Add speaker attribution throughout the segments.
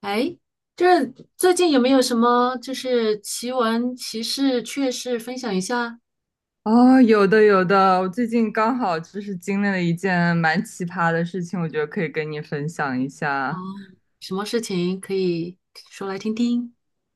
Speaker 1: 哎，这最近有没有什么就是奇闻奇事、趣事分享一下？
Speaker 2: 哦，有的有的，我最近刚好就是经历了一件蛮奇葩的事情，我觉得可以跟你分享一
Speaker 1: 哦，
Speaker 2: 下。
Speaker 1: 什么事情可以说来听听？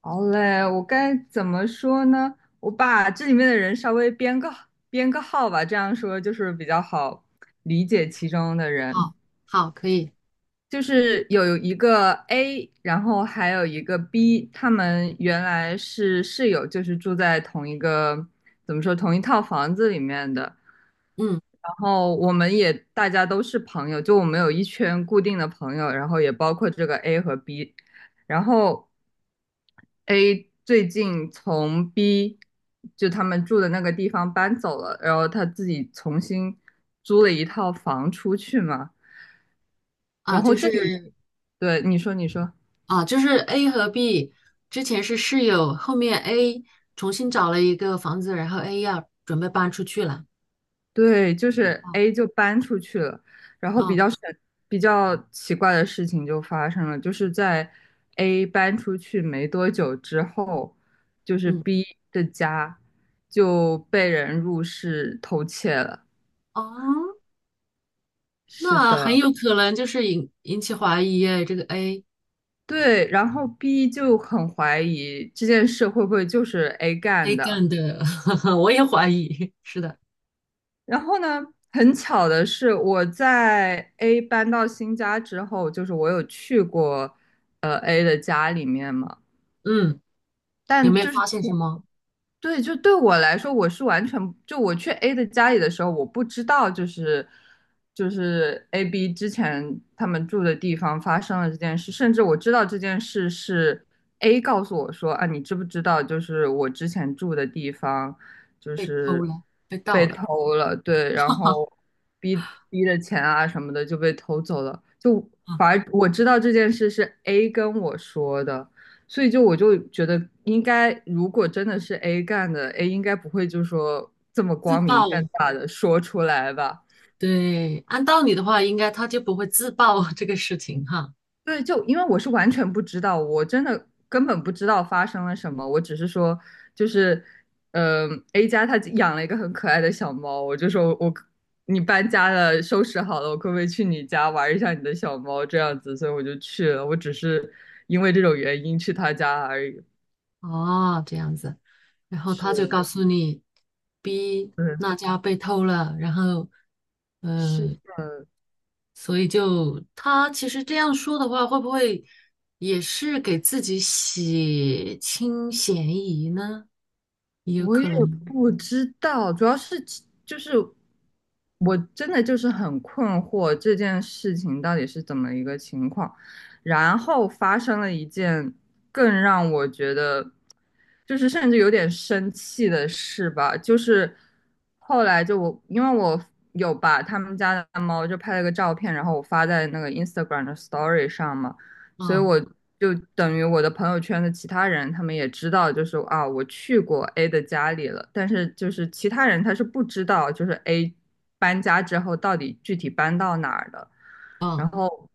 Speaker 2: 好嘞，我该怎么说呢？我把这里面的人稍微编个号吧，这样说就是比较好理解其中的人。
Speaker 1: 好，好，可以。
Speaker 2: 就是有一个 A，然后还有一个 B，他们原来是室友，就是住在同一个，怎么说，同一套房子里面的。
Speaker 1: 嗯，。
Speaker 2: 然后我们也大家都是朋友，就我们有一圈固定的朋友，然后也包括这个 A 和 B。然后 A 最近从 B 就他们住的那个地方搬走了，然后他自己重新租了一套房出去嘛。然
Speaker 1: 啊，
Speaker 2: 后
Speaker 1: 就
Speaker 2: 这里，
Speaker 1: 是
Speaker 2: 对，你说，你说，
Speaker 1: 就是 A 和 B 之前是室友，后面 A 重新找了一个房子，然后 A 要准备搬出去了。
Speaker 2: 对，就是
Speaker 1: 哦。
Speaker 2: A 就搬出去了，然后
Speaker 1: 哦。
Speaker 2: 比较奇怪的事情就发生了，就是在 A 搬出去没多久之后，就是
Speaker 1: 嗯。
Speaker 2: B 的家就被人入室偷窃了。
Speaker 1: 哦，
Speaker 2: 是
Speaker 1: 那很
Speaker 2: 的，
Speaker 1: 有可能就是引起怀疑哎，这个 A
Speaker 2: 对，然后 B 就很怀疑这件事会不会就是 A
Speaker 1: A
Speaker 2: 干的，
Speaker 1: 干的。我也怀疑。是的。
Speaker 2: 然后呢，很巧的是，我在 A 搬到新家之后，就是我有去过A 的家里面嘛，
Speaker 1: 嗯。有
Speaker 2: 但
Speaker 1: 没有
Speaker 2: 就是
Speaker 1: 发现什么
Speaker 2: 对，就对我来说，我是完全就我去 A 的家里的时候，我不知道就是 A、B 之前他们住的地方发生了这件事，甚至我知道这件事是 A 告诉我说啊，你知不知道就是我之前住的地方就
Speaker 1: 被偷
Speaker 2: 是
Speaker 1: 了、被盗
Speaker 2: 被
Speaker 1: 了
Speaker 2: 偷了，对，然后 B 的钱啊什么的就被偷走了，就
Speaker 1: 啊？
Speaker 2: 反而我知道这件事是 A 跟我说的。所以就我就觉得应该，如果真的是 A 干的，A 应该不会就说这么
Speaker 1: 自
Speaker 2: 光明正
Speaker 1: 爆，
Speaker 2: 大的说出来吧？
Speaker 1: 对，。按道理的话，应该他就不会自爆 这个事情哈。
Speaker 2: 对，就因为我是完全不知道，我真的根本不知道发生了什么，我只是说就是，a 家他养了一个很可爱的小猫，我就说你搬家了，收拾好了，我可不可以去你家玩一下你的小猫这样子？所以我就去了，我只是因为这种原因去他家而已。
Speaker 1: 哦，这样子，然后他就
Speaker 2: 是，
Speaker 1: 告诉你，B
Speaker 2: 嗯，
Speaker 1: 那家被偷了，然后
Speaker 2: 是
Speaker 1: 所以就他其实这样说的话，会不会也是给自己洗清嫌疑呢？也有
Speaker 2: 我也
Speaker 1: 可能。
Speaker 2: 不知道，主要是就是我真的就是很困惑这件事情到底是怎么一个情况，然后发生了一件更让我觉得就是甚至有点生气的事吧，就是后来就我因为我有把他们家的猫就拍了个照片，然后我发在那个 Instagram 的 Story 上嘛。所以
Speaker 1: 嗯
Speaker 2: 我就等于我的朋友圈的其他人，他们也知道，就是啊，我去过 A 的家里了，但是就是其他人他是不知道，就是 A 搬家之后到底具体搬到哪儿的，然
Speaker 1: 嗯
Speaker 2: 后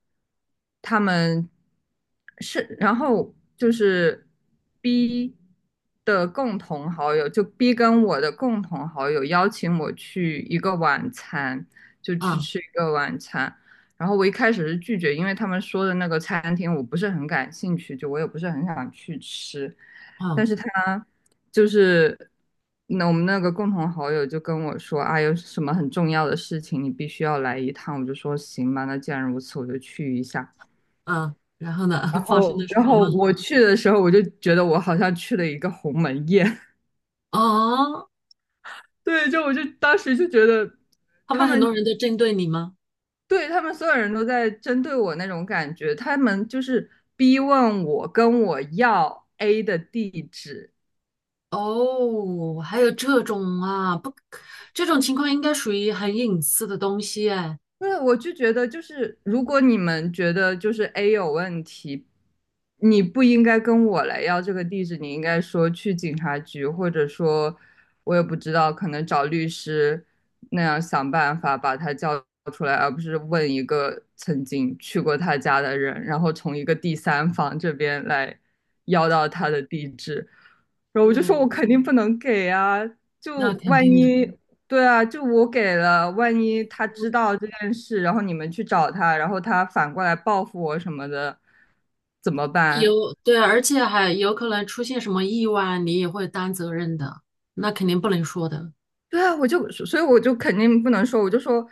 Speaker 2: 他们是，然后就是 B 的共同好友，就 B 跟我的共同好友邀请我去一个晚餐，就去
Speaker 1: 嗯
Speaker 2: 吃一个晚餐。然后我一开始是拒绝，因为他们说的那个餐厅我不是很感兴趣，就我也不是很想去吃。但
Speaker 1: 嗯
Speaker 2: 是他就是那我们那个共同好友就跟我说啊，有什么很重要的事情你必须要来一趟。我就说行吧，那既然如此，我就去一下。
Speaker 1: 嗯，然后呢，
Speaker 2: 然
Speaker 1: 发生
Speaker 2: 后，
Speaker 1: 了什
Speaker 2: 然
Speaker 1: 么
Speaker 2: 后
Speaker 1: 吗？
Speaker 2: 我去的时候，我就觉得我好像去了一个鸿门宴。
Speaker 1: 哦，
Speaker 2: 对，就我就当时就觉得
Speaker 1: 他
Speaker 2: 他
Speaker 1: 们很
Speaker 2: 们
Speaker 1: 多人都针对你吗？
Speaker 2: 对，他们所有人都在针对我那种感觉，他们就是逼问我跟我要 A 的地址，
Speaker 1: 哦，还有这种啊？不，这种情况应该属于很隐私的东西哎。
Speaker 2: 那我就觉得，就是如果你们觉得就是 A 有问题，你不应该跟我来要这个地址，你应该说去警察局，或者说，我也不知道，可能找律师那样想办法把他叫出来，而不是问一个曾经去过他家的人，然后从一个第三方这边来要到他的地址。然后我就说，
Speaker 1: 对，
Speaker 2: 我肯定不能给啊，就
Speaker 1: 那肯
Speaker 2: 万
Speaker 1: 定的。
Speaker 2: 一对啊，就我给了，万一他知道这件事，然后你们去找他，然后他反过来报复我什么的，怎么办？
Speaker 1: 有，对，而且还有可能出现什么意外，你也会担责任的，那肯定不能说的。
Speaker 2: 对啊，所以我就肯定不能说，我就说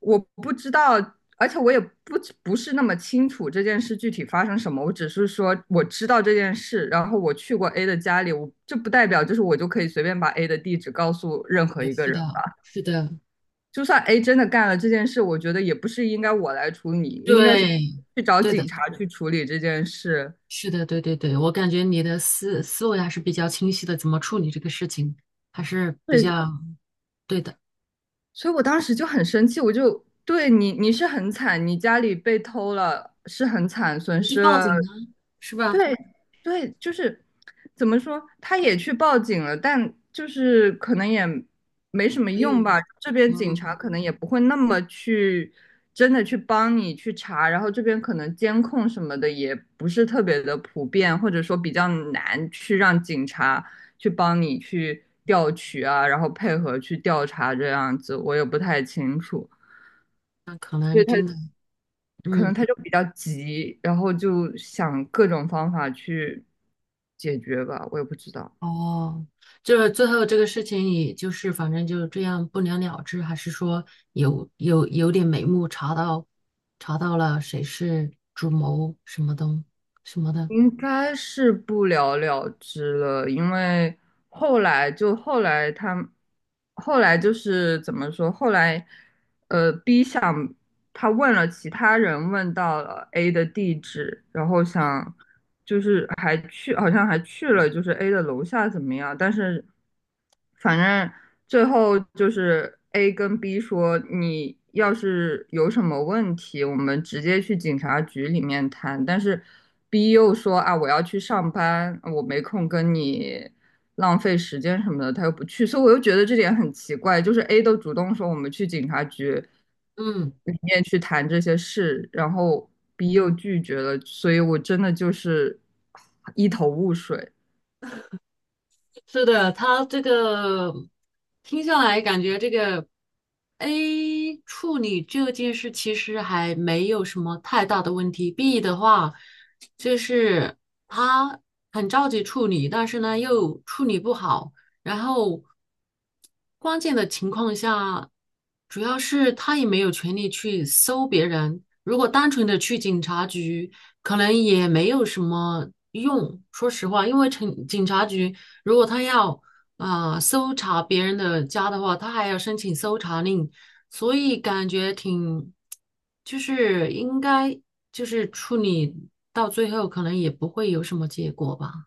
Speaker 2: 我不知道，而且我也不是那么清楚这件事具体发生什么，我只是说我知道这件事，然后我去过 A 的家里，我这不代表就是我就可以随便把 A 的地址告诉任何一个
Speaker 1: 是的，
Speaker 2: 人。
Speaker 1: 是的。
Speaker 2: 就算 A 真的干了这件事，我觉得也不是应该我来处理，应该是
Speaker 1: 对。
Speaker 2: 去找
Speaker 1: 对的。
Speaker 2: 警察去处理这件事。
Speaker 1: 是的。对对对，我感觉你的思维还是比较清晰的，怎么处理这个事情还是比
Speaker 2: 对，
Speaker 1: 较对的。
Speaker 2: 所以我当时就很生气，我就对你，是很惨，你家里被偷了，是很惨，损
Speaker 1: 你就
Speaker 2: 失
Speaker 1: 报
Speaker 2: 了
Speaker 1: 警啊，是吧？
Speaker 2: 对对，就是怎么说，他也去报警了，但就是可能也没什么
Speaker 1: 没有。
Speaker 2: 用吧。这边警察
Speaker 1: 嗯。
Speaker 2: 可能也不会那么去真的去帮你去查，然后这边可能监控什么的也不是特别的普遍，或者说比较难去让警察去帮你去调取啊，然后配合去调查这样子，我也不太清楚。
Speaker 1: 那可能真的，。
Speaker 2: 可能
Speaker 1: 嗯。
Speaker 2: 他就比较急，然后就想各种方法去解决吧，我也不知道，
Speaker 1: 哦，就是最后这个事情，也就是反正就这样不了了之，还是说有点眉目，查到了谁是主谋什么的？
Speaker 2: 应该是不了了之了，因为后来就后来他后来就是怎么说，后来B 想他问了其他人，问到了 A 的地址，然后想就是还去，好像还去了就是 A 的楼下怎么样？但是反正最后就是 A 跟 B 说，你要是有什么问题，我们直接去警察局里面谈。但是 B 又说啊，我要去上班，我没空跟你。浪费时间什么的，他又不去，所以我又觉得这点很奇怪。就是 A 都主动说我们去警察局，
Speaker 1: 嗯。
Speaker 2: 里面去谈这些事，然后 B 又拒绝了，所以我真的就是一头雾水。
Speaker 1: 是的，他这个听下来感觉这个 A 处理这件事其实还没有什么太大的问题。B 的话，就是他很着急处理，但是呢又处理不好。然后关键的情况下，主要是他也没有权利去搜别人。如果单纯的去警察局，可能也没有什么用。说实话，因为警察局如果他要搜查别人的家的话，他还要申请搜查令，所以感觉挺，就是应该就是处理到最后，可能也不会有什么结果吧。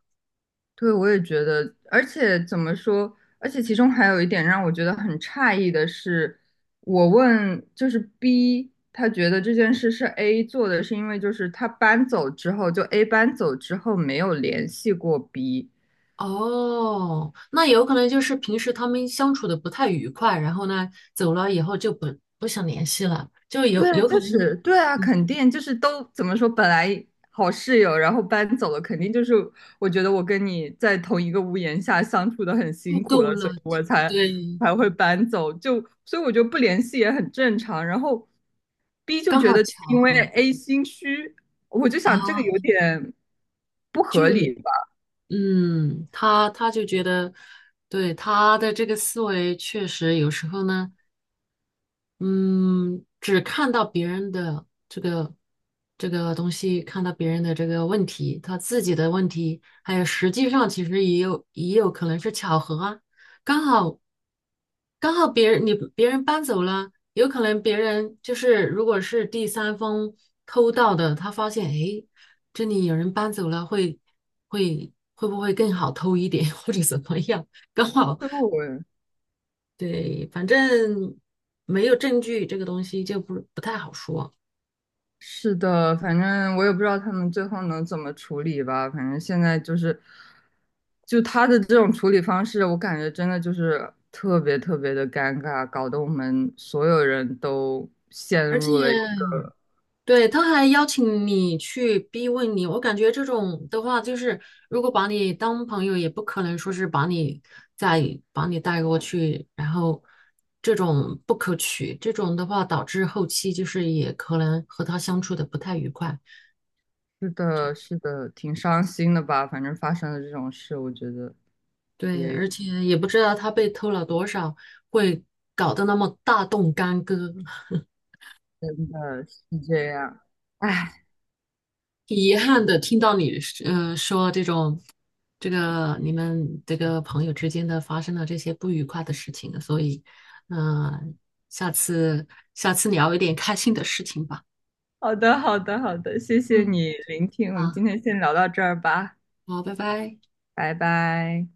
Speaker 2: 对，我也觉得，而且怎么说，而且其中还有一点让我觉得很诧异的是，我问就是 B,他觉得这件事是 A 做的，是因为就是他搬走之后，就 A 搬走之后没有联系过 B。
Speaker 1: 哦，那有可能就是平时他们相处的不太愉快，然后呢，走了以后就不想联系了，就有
Speaker 2: 对啊，
Speaker 1: 有可
Speaker 2: 就
Speaker 1: 能。
Speaker 2: 是对啊，
Speaker 1: 嗯。
Speaker 2: 肯定就是都怎么说，本来好室友，然后搬走了，肯定就是我觉得我跟你在同一个屋檐下相处的很
Speaker 1: 不
Speaker 2: 辛苦
Speaker 1: 够
Speaker 2: 了，所以
Speaker 1: 了。
Speaker 2: 我才
Speaker 1: 对。
Speaker 2: 才会搬走，就所以我觉得不联系也很正常。然后 B 就
Speaker 1: 刚
Speaker 2: 觉
Speaker 1: 好
Speaker 2: 得
Speaker 1: 巧
Speaker 2: 因为
Speaker 1: 合
Speaker 2: A 心虚，我就
Speaker 1: 啊。
Speaker 2: 想这个有点不
Speaker 1: 就
Speaker 2: 合理吧，
Speaker 1: 嗯，他就觉得，对他的这个思维确实有时候呢。嗯，只看到别人的这个这个东西，看到别人的这个问题，他自己的问题，还有实际上其实也有可能是巧合啊，刚好刚好别人别人搬走了，有可能别人就是如果是第三方偷盗的，他发现诶，这里有人搬走了，会不会更好偷一点 或者怎么样？刚好
Speaker 2: 所以我
Speaker 1: 对，反正没有证据，这个东西就不太好说。
Speaker 2: 是的，反正我也不知道他们最后能怎么处理吧。反正现在就是，就他的这种处理方式，我感觉真的就是特别特别的尴尬，搞得我们所有人都陷
Speaker 1: 而且，
Speaker 2: 入了一个，
Speaker 1: 对，他还邀请你去逼问你，我感觉这种的话，就是如果把你当朋友，也不可能说是把你再把你带过去，然后这种不可取，这种的话导致后期就是也可能和他相处的不太愉快。
Speaker 2: 是的，是的，挺伤心的吧。反正发生了这种事，我觉得
Speaker 1: 对，而且也不知道他被偷了多少，会搞得那么大动干戈。
Speaker 2: 真的是这样。唉，
Speaker 1: 挺遗憾的，听到你说这种，这个你们这个朋友之间的发生了这些不愉快的事情，所以，嗯、下次下次聊一点开心的事情吧。
Speaker 2: 好的，好的，好的，谢谢
Speaker 1: 嗯。
Speaker 2: 你聆听，我们
Speaker 1: 啊，
Speaker 2: 今天先聊到这儿吧，
Speaker 1: 好，拜拜。
Speaker 2: 拜拜。